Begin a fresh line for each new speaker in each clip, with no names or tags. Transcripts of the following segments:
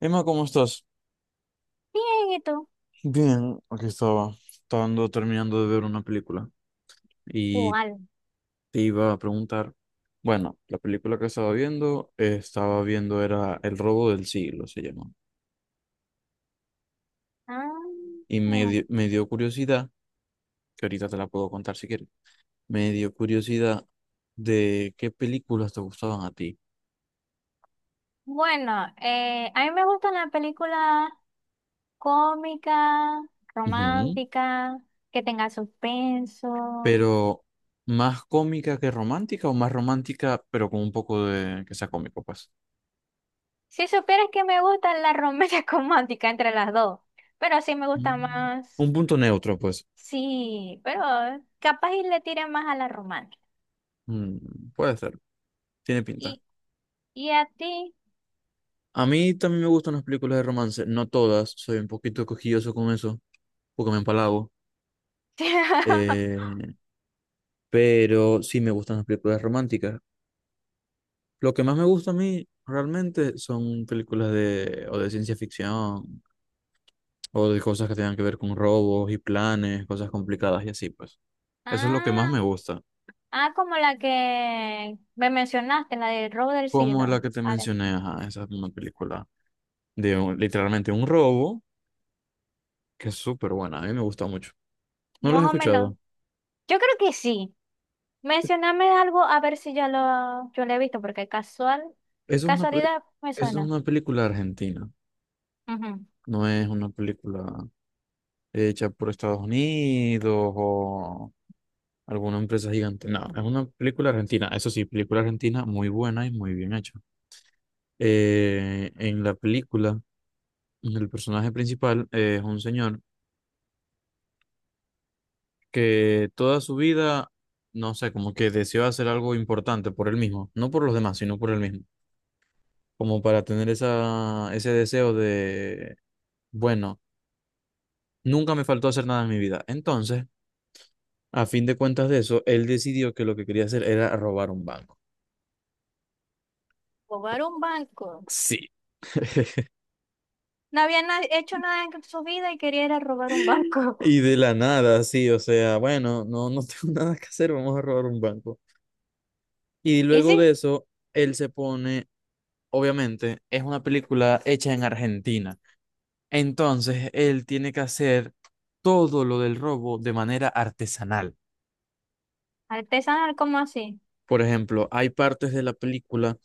Emma, ¿cómo estás?
Bien, ¿y tú?
Bien, aquí estaba, estaba ando terminando de ver una película y
¿Cuál?
te iba a preguntar, bueno, la película que estaba viendo era El robo del siglo, se llama,
Ah,
y me dio curiosidad, que ahorita te la puedo contar si quieres, me dio curiosidad de qué películas te gustaban a ti.
bueno, a mí me gustan las películas cómicas,
Ujú.
románticas, que tengan suspenso.
Pero más cómica que romántica o más romántica, pero con un poco de que sea cómico, pues.
Si supieras que me gustan las románticas románticas entre las dos, pero sí me gusta
Mm. Un
más,
punto neutro, pues.
sí, pero capaz y le tire más a la romántica.
Mm, puede ser, tiene pinta.
¿Y, y a ti?
A mí también me gustan las películas de romance, no todas, soy un poquito cojilloso con eso, porque me empalago, eh, pero sí me gustan las películas románticas. Lo que más me gusta a mí realmente son o de ciencia ficción, o de cosas que tengan que ver con robos y planes, cosas complicadas y así, pues. Eso es lo que más
Ah,
me gusta.
ah, como la que me mencionaste, la de Robo del
Como la
Siglo.
que te
Ahora.
mencioné, ajá, esa es una película de literalmente un robo, que es súper buena, a mí me gusta mucho. No los he
Más o menos.
escuchado.
Yo creo que sí. Mencioname algo a ver si ya yo lo he visto, porque casual,
Eso es una, peli-
casualidad me
Eso es
suena.
una película argentina.
Ujú.
No es una película hecha por Estados Unidos o alguna empresa gigante. No, es una película argentina. Eso sí, película argentina muy buena y muy bien hecha. En la película, el personaje principal es un señor que toda su vida, no sé, como que deseó hacer algo importante por él mismo, no por los demás, sino por él mismo, como para tener ese deseo de, bueno, nunca me faltó hacer nada en mi vida. Entonces, a fin de cuentas de eso, él decidió que lo que quería hacer era robar un banco.
Robar un banco.
Sí.
No había na- hecho nada en su vida y quería ir a robar un banco.
Y de la nada, sí, o sea, bueno, no tengo nada que hacer, vamos a robar un banco. Y
Y
luego
sí,
de eso, él se pone, obviamente, es una película hecha en Argentina. Entonces, él tiene que hacer todo lo del robo de manera artesanal.
artesanal como así.
Por ejemplo, hay partes de la película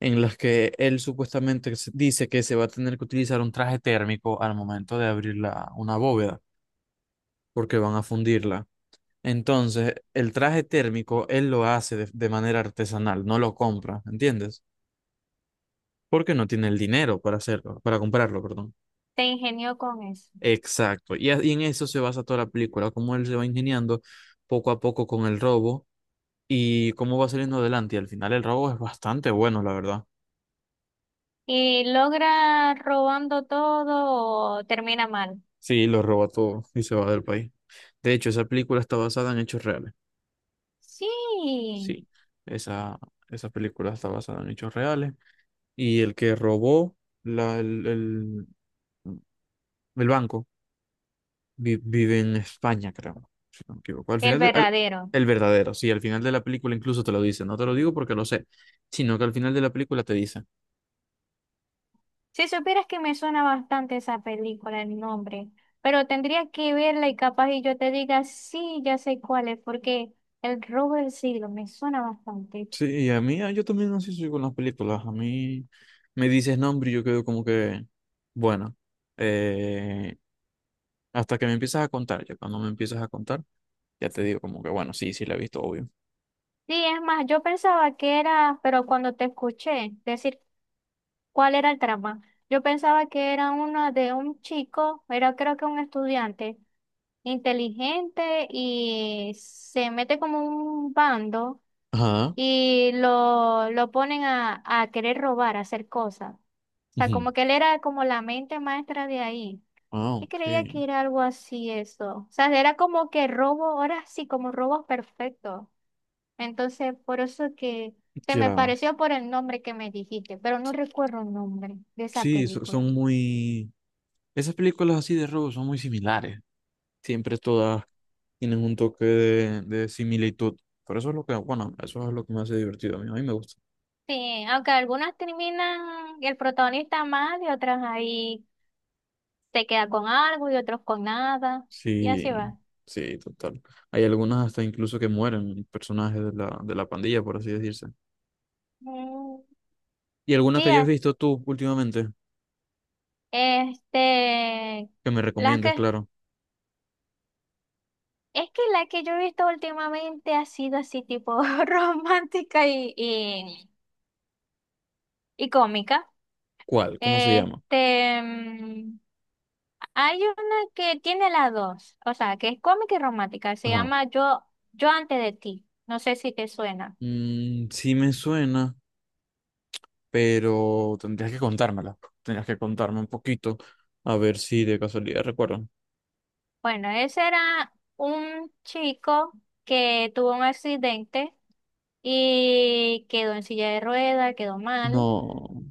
en las que él supuestamente dice que se va a tener que utilizar un traje térmico al momento de abrir una bóveda, porque van a fundirla. Entonces, el traje térmico él lo hace de manera artesanal, no lo compra, ¿entiendes? Porque no tiene el dinero para hacerlo, para comprarlo, perdón.
Se ingenió con eso.
Exacto. Y en eso se basa toda la película, cómo él se va ingeniando poco a poco con el robo y cómo va saliendo adelante. Y al final el robo es bastante bueno, la verdad.
Y logra robando todo o termina mal.
Sí, lo roba todo y se va del país. De hecho, esa película está basada en hechos reales.
Sí,
Sí, esa, esa película está basada en hechos reales. Y el que robó la, el, el- el banco vive en España, creo. Si no me equivoco. Al
el
final, de- al-
verdadero.
El verdadero, sí, al final de la película incluso te lo dice. No te lo digo porque lo sé, sino que al final de la película te dice.
Si supieras que me suena bastante esa película, el nombre, pero tendría que verla y capaz y yo te diga, sí, ya sé cuál es, porque El robo del siglo me suena bastante.
Sí, y a mí, ah, yo también así soy con las películas. A mí me dices nombre y yo quedo como que, bueno, eh, hasta que me empiezas a contar, ya cuando me empiezas a contar, ya te digo como que, bueno, sí, sí la he visto, obvio.
Sí, es más, yo pensaba que era, pero cuando te escuché decir cuál era el trama, yo pensaba que era una de un chico, era creo que un estudiante inteligente y se mete como un bando
Ajá.
y lo ponen a querer robar, a hacer cosas. O sea,
Ujú.
como que él era como la mente maestra de ahí.
Ah,
Y
ok.
creía que era algo así eso. O sea, era como que robo, ahora sí, como robos perfectos. Entonces, por eso que se me
Ya.
pareció por el nombre que me dijiste, pero no recuerdo el nombre de esa
Sí,
película.
son muy... Esas películas así de robo son muy similares. Siempre todas tienen un toque de similitud. Por eso es lo que, bueno, eso es lo que me hace divertido a mí. A mí me gusta.
Sí, aunque algunas terminan el protagonista mal y otras ahí se queda con algo y otros con nada. Y así
Sí,
va.
sí, total. Hay algunas hasta incluso que mueren, personajes de de la pandilla, por así decirse.
Mm,
¿Y alguna
sí.
que hayas visto tú últimamente?
Este,
Que me
la
recomiendes,
que,
claro.
es que la que yo he visto últimamente ha sido así tipo romántica y cómica.
¿Cuál? ¿Cómo se llama?
Este, mm, Hay una que tiene las dos, o sea, que es cómica y romántica, se
Ajá.
llama Yo, Yo antes de ti, no sé si te suena.
Mm, sí me suena, pero tendrías que contármela. Tendrías que contarme un poquito, a ver si de casualidad recuerdo.
Bueno, ese era un chico que tuvo un accidente y quedó en silla de ruedas, quedó mal.
No,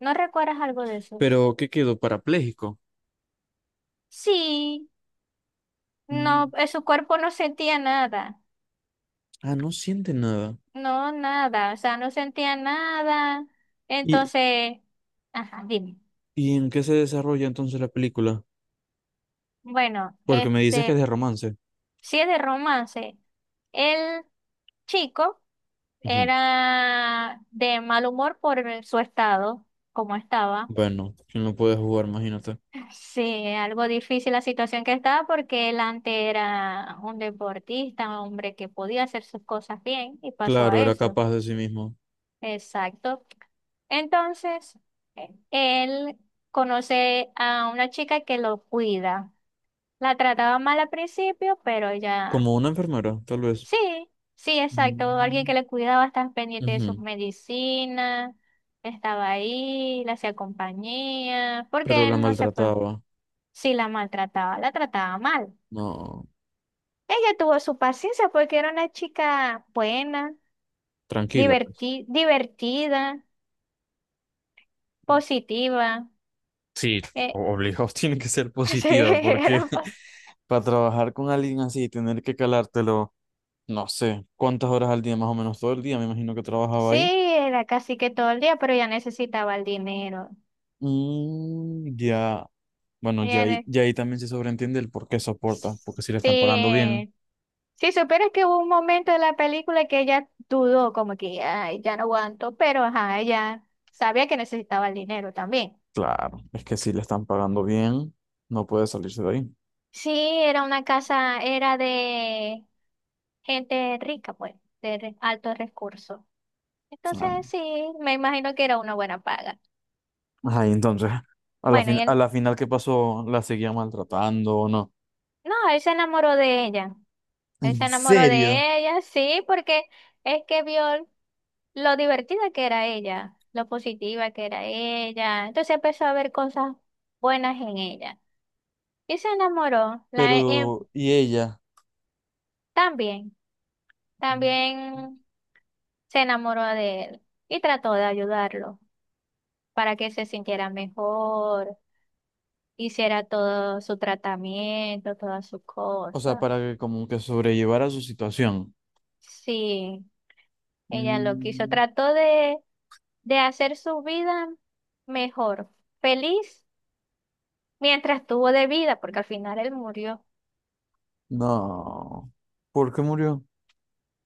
¿No recuerdas algo de eso?
pero ¿qué quedó? ¿Parapléjico?
Sí,
Mm,
no, su cuerpo no sentía nada,
ah, no siente nada.
no nada, o sea, no sentía nada.
¿Y,
Entonces, ajá, dime.
y en qué se desarrolla entonces la película?
Bueno,
Porque me dices que es
este,
de romance.
si es de romance, el chico era de mal humor por el- su estado, como estaba.
Bueno, quién no puede jugar, imagínate.
Sí, algo difícil la situación que estaba porque él antes era un deportista, un hombre que podía hacer sus cosas bien y pasó
Claro,
a
era
eso.
capaz de sí mismo.
Exacto. Entonces, él conoce a una chica que lo cuida. La trataba mal al principio, pero ella,
Como una enfermera, tal vez.
sí, sí, exacto. Alguien
Mm.
que le cuidaba, estaba pendiente de sus
Ujú.
medicinas, estaba ahí, le hacía compañía,
Pero
porque
la
él no se fue.
maltrataba.
Sí, la maltrataba, la trataba mal.
No,
Ella tuvo su paciencia porque era una chica buena,
tranquila, pues.
diverti- divertida, positiva.
Sí,
Eh,
obligado tiene que ser
Sí,
positiva, porque
era, pas-
para trabajar con alguien así y tener que calártelo, no sé, cuántas horas al día, más o menos todo el día, me imagino que trabajaba
sí,
ahí.
era casi que todo el día, pero ella necesitaba el dinero.
Mm, ya, bueno, ya
Ella
ahí,
ne-
ya ahí también se sobreentiende el por qué soporta, porque si le están pagando bien.
sí. Si supieras que hubo un momento de la película que ella dudó, como que ay, ya no aguanto, pero ajá, ella sabía que necesitaba el dinero también.
Claro, es que si le están pagando bien, no puede salirse de ahí.
Sí, era una casa, era de gente rica, pues, de re- altos recursos.
Ah.
Entonces, sí, me imagino que era una buena paga.
Ajá, y entonces,
Bueno, y
a
él,
la final, ¿qué pasó? ¿La seguía maltratando o no?
no, él se enamoró de ella. Él se
¿En
enamoró
serio?
de ella, sí, porque es que vio lo divertida que era ella, lo positiva que era ella. Entonces empezó a ver cosas buenas en ella. Y se enamoró.
Pero, ¿y ella?
También, también se enamoró de él y trató de ayudarlo para que se sintiera mejor, hiciera todo su tratamiento, todas sus
O sea,
cosas.
para que como que sobrellevara su situación.
Sí. Ella lo quiso,
Mm.
de hacer su vida mejor, feliz, mientras tuvo de vida, porque al final él murió.
No. ¿Por qué murió?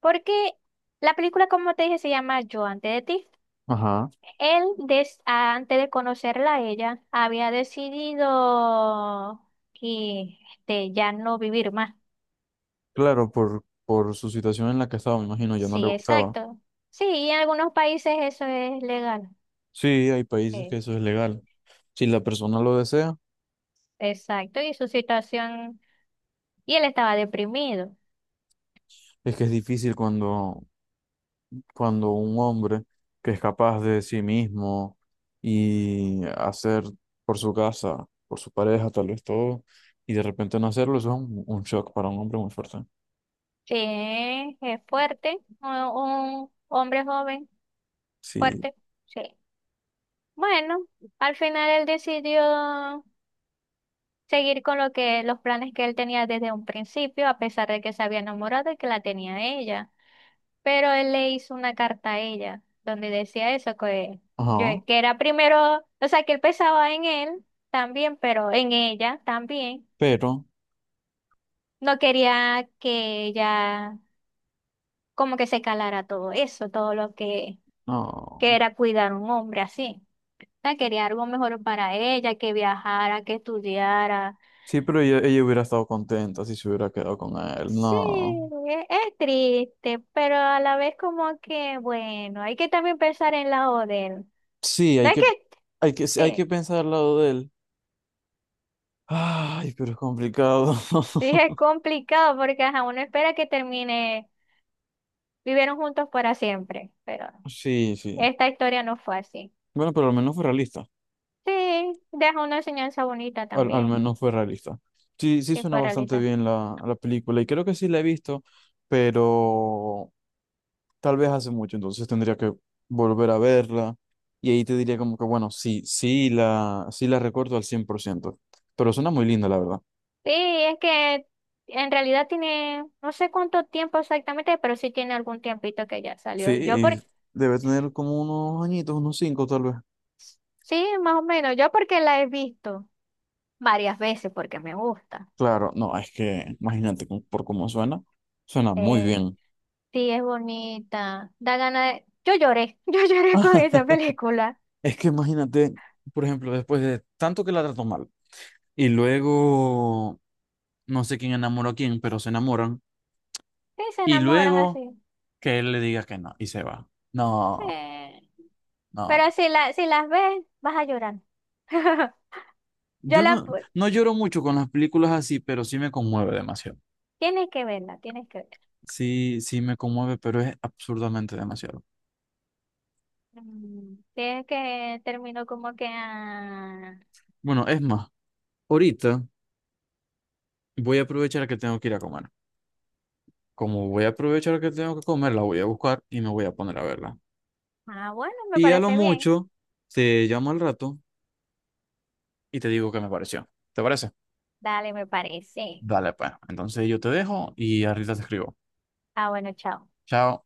Porque la película, como te dije, se llama Yo antes de ti.
Ajá.
Él, des- antes de conocerla a ella, había decidido que ya no vivir más.
Claro, por su situación en la que estaba, me imagino, ya no le
Sí,
gustaba.
exacto. Sí, y en algunos países eso es legal.
Sí, hay países que
Sí,
eso es legal. Si la persona lo desea,
exacto, y su situación, y él estaba deprimido.
es que es difícil cuando cuando un hombre que es capaz de sí mismo y hacer por su casa, por su pareja, tal vez todo, y de repente no hacerlo, eso es un shock para un hombre muy fuerte.
Sí, es fuerte, un hombre joven,
Sí,
fuerte, sí. Bueno, al final él decidió seguir con lo que, los planes que él tenía desde un principio, a pesar de que se había enamorado y que la tenía ella. Pero él le hizo una carta a ella, donde decía eso, que, yo,
ajá,
que era primero, o sea, que él pensaba en él también, pero en ella también.
pero,
No quería que ella como que se calara todo eso, todo lo que
no.
era cuidar a un hombre así. O sea, quería algo mejor para ella, que viajara, que estudiara.
Sí, pero ella hubiera estado contenta si se hubiera quedado con él,
Sí,
no.
e- es triste, pero a la vez como que, bueno, hay que también pensar en la de él.
Sí,
¿No es que
hay que
sí,
pensar al lado de él. Ay, pero es complicado.
sí es complicado porque ajá, uno espera que termine, vivieron juntos para siempre, pero
Sí, sí.
esta historia no fue así.
Bueno, pero al menos fue realista.
Sí, deja una enseñanza bonita
Al
también,
menos fue realista. Sí, sí
que
suena
para
bastante bien la película y creo que sí la he visto, pero tal vez hace mucho, entonces tendría que volver a verla y ahí te diría como que, bueno, sí la recuerdo al 100%, pero suena muy linda, la verdad.
sí, es que en realidad tiene, no sé cuánto tiempo exactamente, pero sí tiene algún tiempito que ya
Sí,
salió. Yo
y
por,
debe tener como unos añitos, unos cinco tal vez.
sí, más o menos, yo porque la he visto varias veces porque me gusta.
Claro, no, es que imagínate por cómo suena, suena muy
Eh,
bien.
sí, es bonita, da ganas de... Yo lloré, yo lloré con esa película.
Es que imagínate, por ejemplo, después de tanto que la trató mal y luego no sé quién enamoró a quién, pero se enamoran.
Sí, se
Y
enamoran
luego
así.
que él le diga que no y se va.
Sí.
No, no.
Pero si, la, si las ves, vas a llorar. Yo
Yo
la... pu-
no lloro mucho con las películas así, pero sí me conmueve demasiado.
Tienes que verla, tienes que verla.
Sí, sí me conmueve, pero es absurdamente demasiado.
Mm, tienes que termino como que... ah,
Bueno, es más, ahorita voy a aprovechar que tengo que ir a comer. Como voy a aprovechar que tengo que comer, la voy a buscar y me voy a poner a verla.
ah, bueno, me
Y a lo
parece bien.
mucho, te llamo al rato y te digo qué me pareció. ¿Te parece?
Dale, me parece.
Dale, pues. Entonces yo te dejo y ahorita te escribo.
Ah, bueno, chao.
Chao.